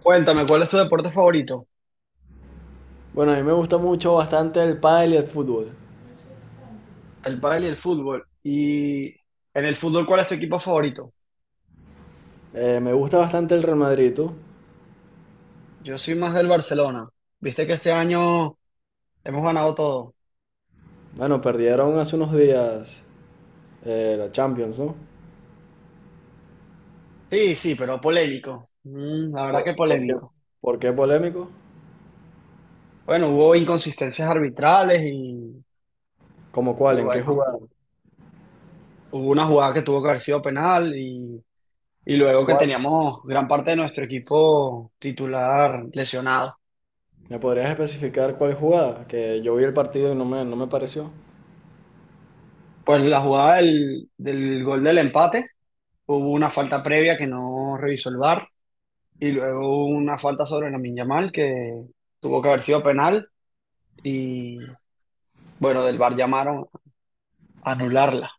Cuéntame, ¿cuál es tu deporte favorito? Bueno, a mí me gusta mucho bastante el pádel y el fútbol. El pádel y el fútbol. Y en el fútbol, ¿cuál es tu equipo favorito? Me gusta bastante el Real Madrid, ¿tú? Yo soy más del Barcelona. Viste que este año hemos ganado todo. Bueno, perdieron hace unos días la Champions, ¿no? Sí, sí, pero polémico. La verdad que ¿Por qué? polémico. ¿Por qué polémico? Bueno, hubo inconsistencias arbitrales y, ¿Cómo y cuál? ¿En qué bueno, jugada? hubo una jugada que tuvo que haber sido penal y luego que ¿Cuál? teníamos gran parte de nuestro equipo titular lesionado. ¿Me podrías especificar cuál jugada? Que yo vi el partido y no me pareció. Pues la jugada del gol del empate. Hubo una falta previa que no revisó el VAR y luego una falta sobre Lamine Yamal que tuvo que haber sido penal y bueno, del VAR llamaron a anularla.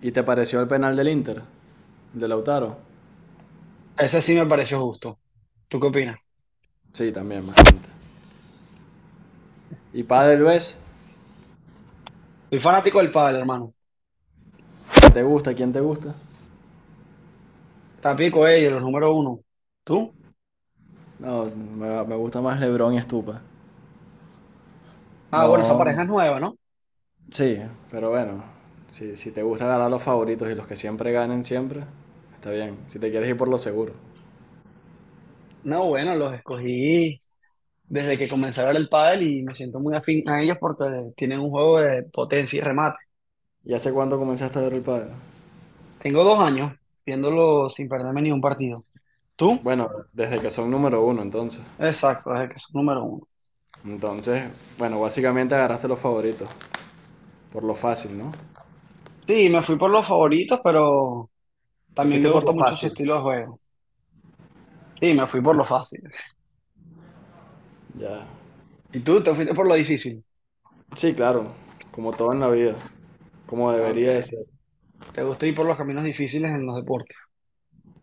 ¿Y te pareció el penal del Inter? ¿De Lautaro? Ese sí me pareció justo. ¿Tú qué opinas? Sí, también, bastante. ¿Y pádel ves? Soy fanático del pádel, hermano. ¿Te gusta? ¿Quién te gusta? Tapico ellos, los número uno. ¿Tú? No, me gusta más LeBron y Stupa. Ah, bueno, esa No. pareja es nueva, ¿no? Sí, pero bueno, si te gusta ganar los favoritos y los que siempre ganen siempre, está bien, si te quieres ir por lo seguro. No, bueno, los escogí desde que comencé a ver el pádel y me siento muy afín a ellos porque tienen un juego de potencia y remate. ¿Y hace cuánto comenzaste a ver el pádel? Tengo 2 años viéndolo sin perderme ni un partido. ¿Tú? Bueno, desde que son número uno entonces. Exacto, es el que es número uno. Entonces, bueno, básicamente agarraste los favoritos, por lo fácil, ¿no? Sí, me fui por los favoritos, pero Te también fuiste me por gusta lo mucho su fácil. estilo de juego. Sí, me fui por lo fácil. Ya. ¿Y tú te fuiste por lo difícil? Sí, claro, como todo en la vida, como Ah, ok. debería de ser. ¿Te gusta ir por los caminos difíciles en los deportes?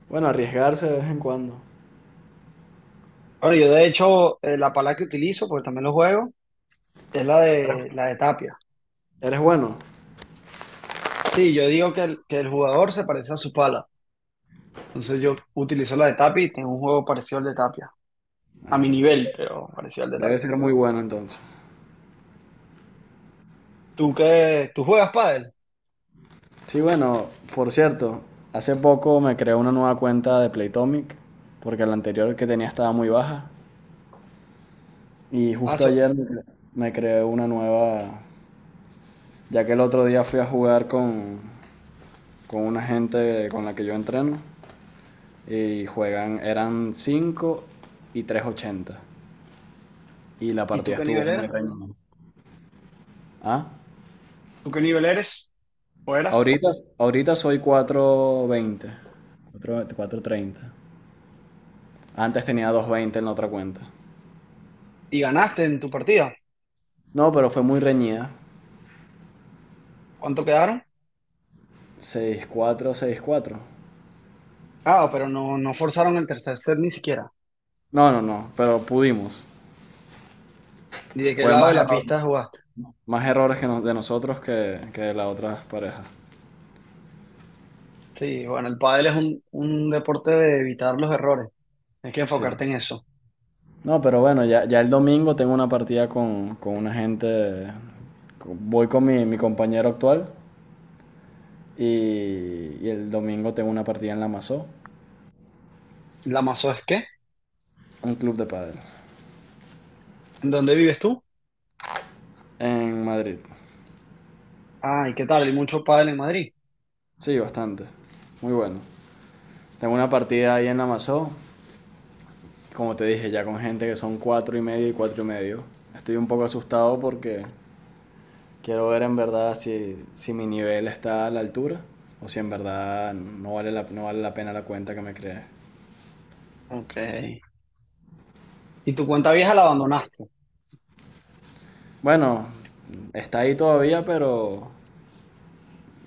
Bueno, arriesgarse de vez en cuando. Ahora, yo de hecho, la pala que utilizo, porque también lo juego, es la Eres de, la de Tapia. eres bueno, Sí, yo digo que el jugador se parece a su pala. Entonces yo utilizo la de Tapia y tengo un juego parecido al de Tapia. A mi nivel, pero parecido al de debe Tapia. ser muy bueno entonces. ¿Tú qué? ¿Tú juegas pádel? Sí, bueno, por cierto, hace poco me creé una nueva cuenta de Playtomic, porque la anterior que tenía estaba muy baja. Y Ah, justo so- ayer me creé una nueva, ya que el otro día fui a jugar con una gente con la que yo entreno. Y juegan, eran 5 y 380. Y la ¿Y tú partida qué estuvo nivel muy eras? reñida. ¿Ah? ¿Tú qué nivel eres? ¿O eras? Ahorita, ahorita soy 4.20. 30. Antes tenía 220 en la otra cuenta. Y ganaste en tu partida. No, pero fue muy reñida. ¿Cuánto quedaron? 6-4, 6-4 Ah, pero no, no forzaron el tercer set ni siquiera. No, no, no, pero pudimos. ¿Y de qué Fue lado más de la error, pista jugaste? más errores de nosotros que de las otras parejas. Sí, bueno, el pádel es un deporte de evitar los errores. Hay que Sí. enfocarte en eso. No, pero bueno, ya, ya el domingo tengo una partida con una gente. Voy con mi compañero actual y el domingo tengo una partida en la Masó, ¿La mazo es qué? un club de pádel, ¿En dónde vives tú? en Madrid. Ah, ¿y qué tal? ¿Hay mucho pádel en Madrid? Sí, bastante. Muy bueno. Tengo una partida ahí en la Masó, como te dije, ya con gente que son 4,5 y 4,5. Estoy un poco asustado porque quiero ver en verdad si mi nivel está a la altura o si en verdad no vale la pena la cuenta que me creé. Ok. Y tu cuenta vieja la abandonaste. Bueno, está ahí todavía, pero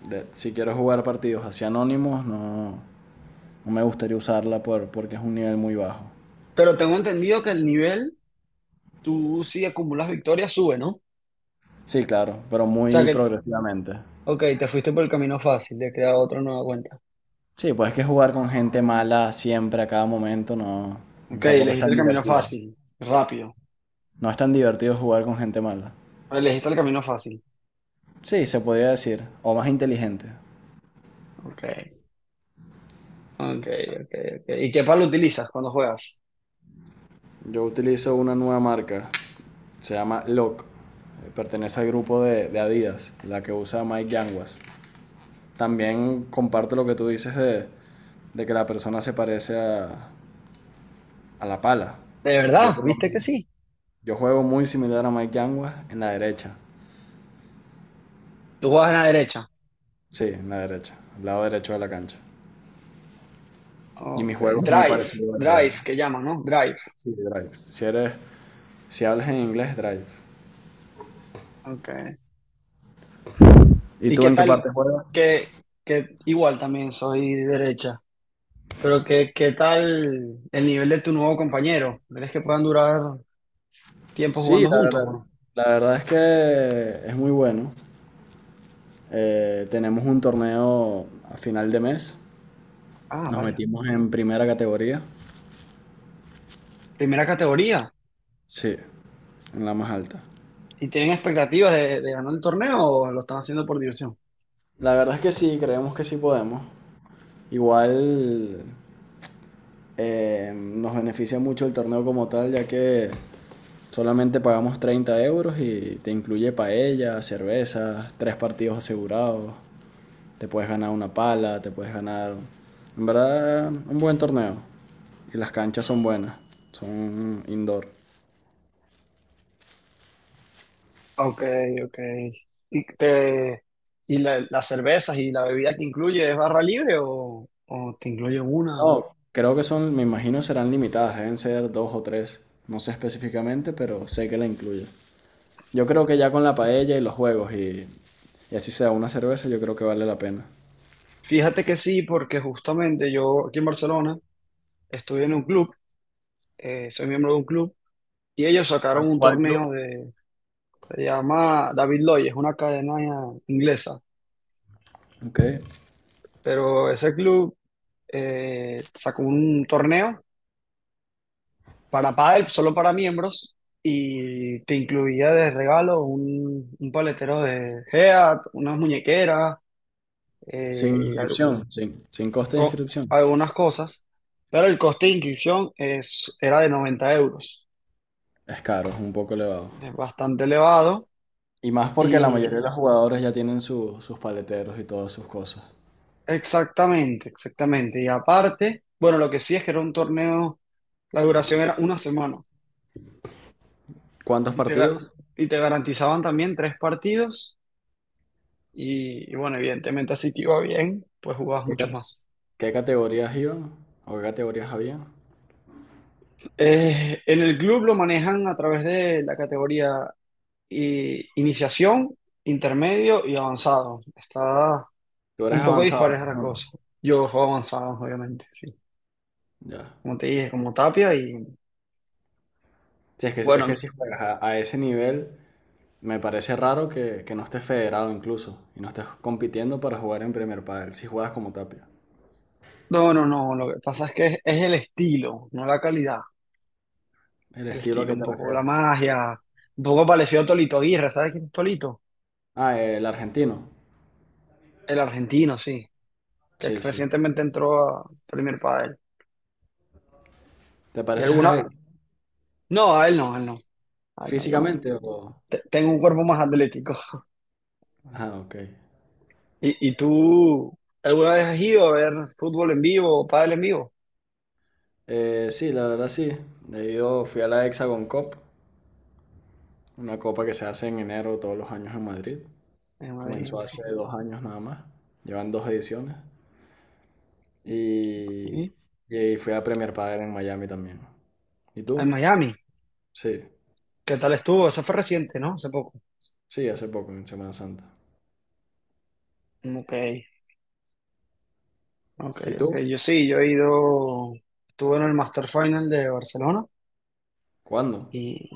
si quiero jugar partidos así anónimos, no, no me gustaría usarla porque es un nivel muy bajo. Pero tengo entendido que el nivel, tú si acumulas victorias, sube, ¿no? O Sí, claro, pero sea muy que, progresivamente. ok, te fuiste por el camino fácil, de crear otra nueva cuenta. Sí, pues es que jugar con gente mala siempre a cada momento no, Ok, tampoco es elegiste tan el camino divertido. fácil, rápido. No es tan divertido jugar con gente mala. Elegiste el camino fácil. Sí, se podría decir. O más inteligente. Okay, okay, okay, okay. ¿Y qué palo utilizas cuando juegas? Yo utilizo una nueva marca. Se llama Lock. Pertenece al grupo de Adidas, la que usa Mike Yanguas. También comparto lo que tú dices de que la persona se parece a la pala. ¿De Yo, verdad? por lo ¿Viste que menos- sí? Yo juego muy similar a Mike Yanguas en la derecha. Tú juegas en la derecha. Sí, en la derecha, al lado derecho de la cancha. Y mi Okay. juego es muy Drive, parecido al de, drive, que llaman, ¿no? Drive. sí, de Drive. Si hablas en inglés, Drive. Okay. ¿Y ¿Y tú qué en qué tal parte juegas? que, que igual también soy derecha? ¿Pero qué, qué tal el nivel de tu nuevo compañero? ¿Crees que puedan durar tiempo Sí, jugando la juntos verdad, o no? la verdad es que es muy bueno. Tenemos un torneo a final de mes. Ah, Nos vaya. metimos en primera categoría. Primera categoría. Sí, en la más alta. ¿Y tienen expectativas de ganar el torneo o lo están haciendo por diversión? La verdad es que sí, creemos que sí podemos. Igual nos beneficia mucho el torneo como tal, ya que solamente pagamos 30 euros y te incluye paella, cervezas, tres partidos asegurados. Te puedes ganar una pala, te puedes ganar. En verdad, un buen torneo. Y las canchas son buenas, son indoor. Ok, ok. ¿Y, te, y la- las cervezas y la bebida que incluye es barra libre o te incluye una? No, creo que son, me imagino serán limitadas, deben ser dos o tres. No sé específicamente, pero sé que la incluye. Yo creo que ya con la paella y los juegos y así sea una cerveza, yo creo que vale la pena. Fíjate que sí, porque justamente yo aquí en Barcelona estuve en un club, soy miembro de un club, y ellos ¿Cuál, sacaron un cuál club? torneo de, se llama David Lloyd, es una cadena inglesa, Ok. pero ese club sacó un torneo para pádel, solo para miembros, y te incluía de regalo un paletero de Head, unas muñequeras, Sin al- inscripción, sin coste de co- inscripción. algunas cosas, pero el coste de inscripción era de 90 euros, Es caro, es un poco elevado. es bastante elevado, Y más porque la y mayoría de los jugadores ya tienen sus paleteros y todas sus cosas. exactamente, exactamente, y aparte, bueno, lo que sí es que era un torneo, la duración era una semana, ¿Cuántos y te, ga- partidos? y te garantizaban también 3 partidos. Y bueno, evidentemente así te iba bien, pues jugabas ¿Qué, muchos ca- más. qué categorías iban? ¿O qué categorías había? En el club lo manejan a través de la categoría i- iniciación, intermedio y avanzado. Está Tú eres un poco avanzado, me dispareja la imagino. cosa. Yo juego avanzado, obviamente, sí. Ya. Como te dije, como Tapia y Sí, es que bueno, si juegas a ese nivel, me parece raro que no estés federado incluso y no estés compitiendo para jugar en Premier Padel, si juegas como Tapia. no, no, no, lo que pasa es que es el estilo, no la calidad, ¿El es el estilo a estilo, qué un te poco refieres? la magia, un poco parecido a Tolito Aguirre, ¿sabes quién es Tolito? Ah, el argentino. El argentino, sí, que Sí, sí. recientemente entró a Premier Padel. ¿Te ¿Y pareces a alguna? él No, a él no, a él no. A él no. Físicamente o...? Tengo un cuerpo más atlético. Ah, ok. Y tú alguna vez has ido a ver fútbol en vivo o pádel en vivo? Sí, la verdad sí. He ido, fui a la Hexagon Cup, una copa que se hace en enero todos los años en Madrid. En Madrid. Comenzó hace 2 años nada más. Llevan dos ediciones. Y, ¿Sí? y fui a Premier Padel en Miami también. ¿Y En tú? Miami. Sí, ¿Qué tal estuvo? Eso fue reciente, ¿no? Hace poco. sí, hace poco, en Semana Santa. Ok, ok, ¿Y ok. tú? Yo sí, yo he ido, estuve en el Master Final de Barcelona ¿Cuándo? y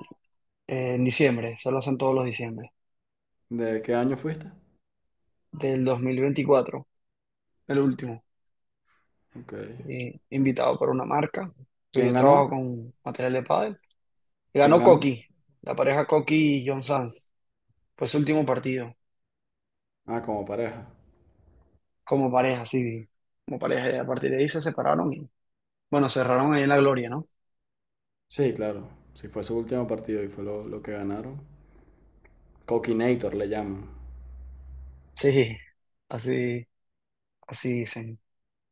en diciembre, se lo hacen todos los diciembre, ¿De qué año fuiste? del 2024, el último. Ok. Y invitado por una marca, pues ¿Quién yo ganó? trabajo con material de pádel. ¿Quién Ganó ganó? Coqui, la pareja Coqui y John Sanz. Fue su último partido Ah, como pareja. como pareja, sí, como pareja. Y a partir de ahí se separaron y, bueno, cerraron ahí en la gloria, ¿no? Sí, claro. Si fue su último partido y fue lo que ganaron. Coquinator le llaman. Sí, así, así dicen.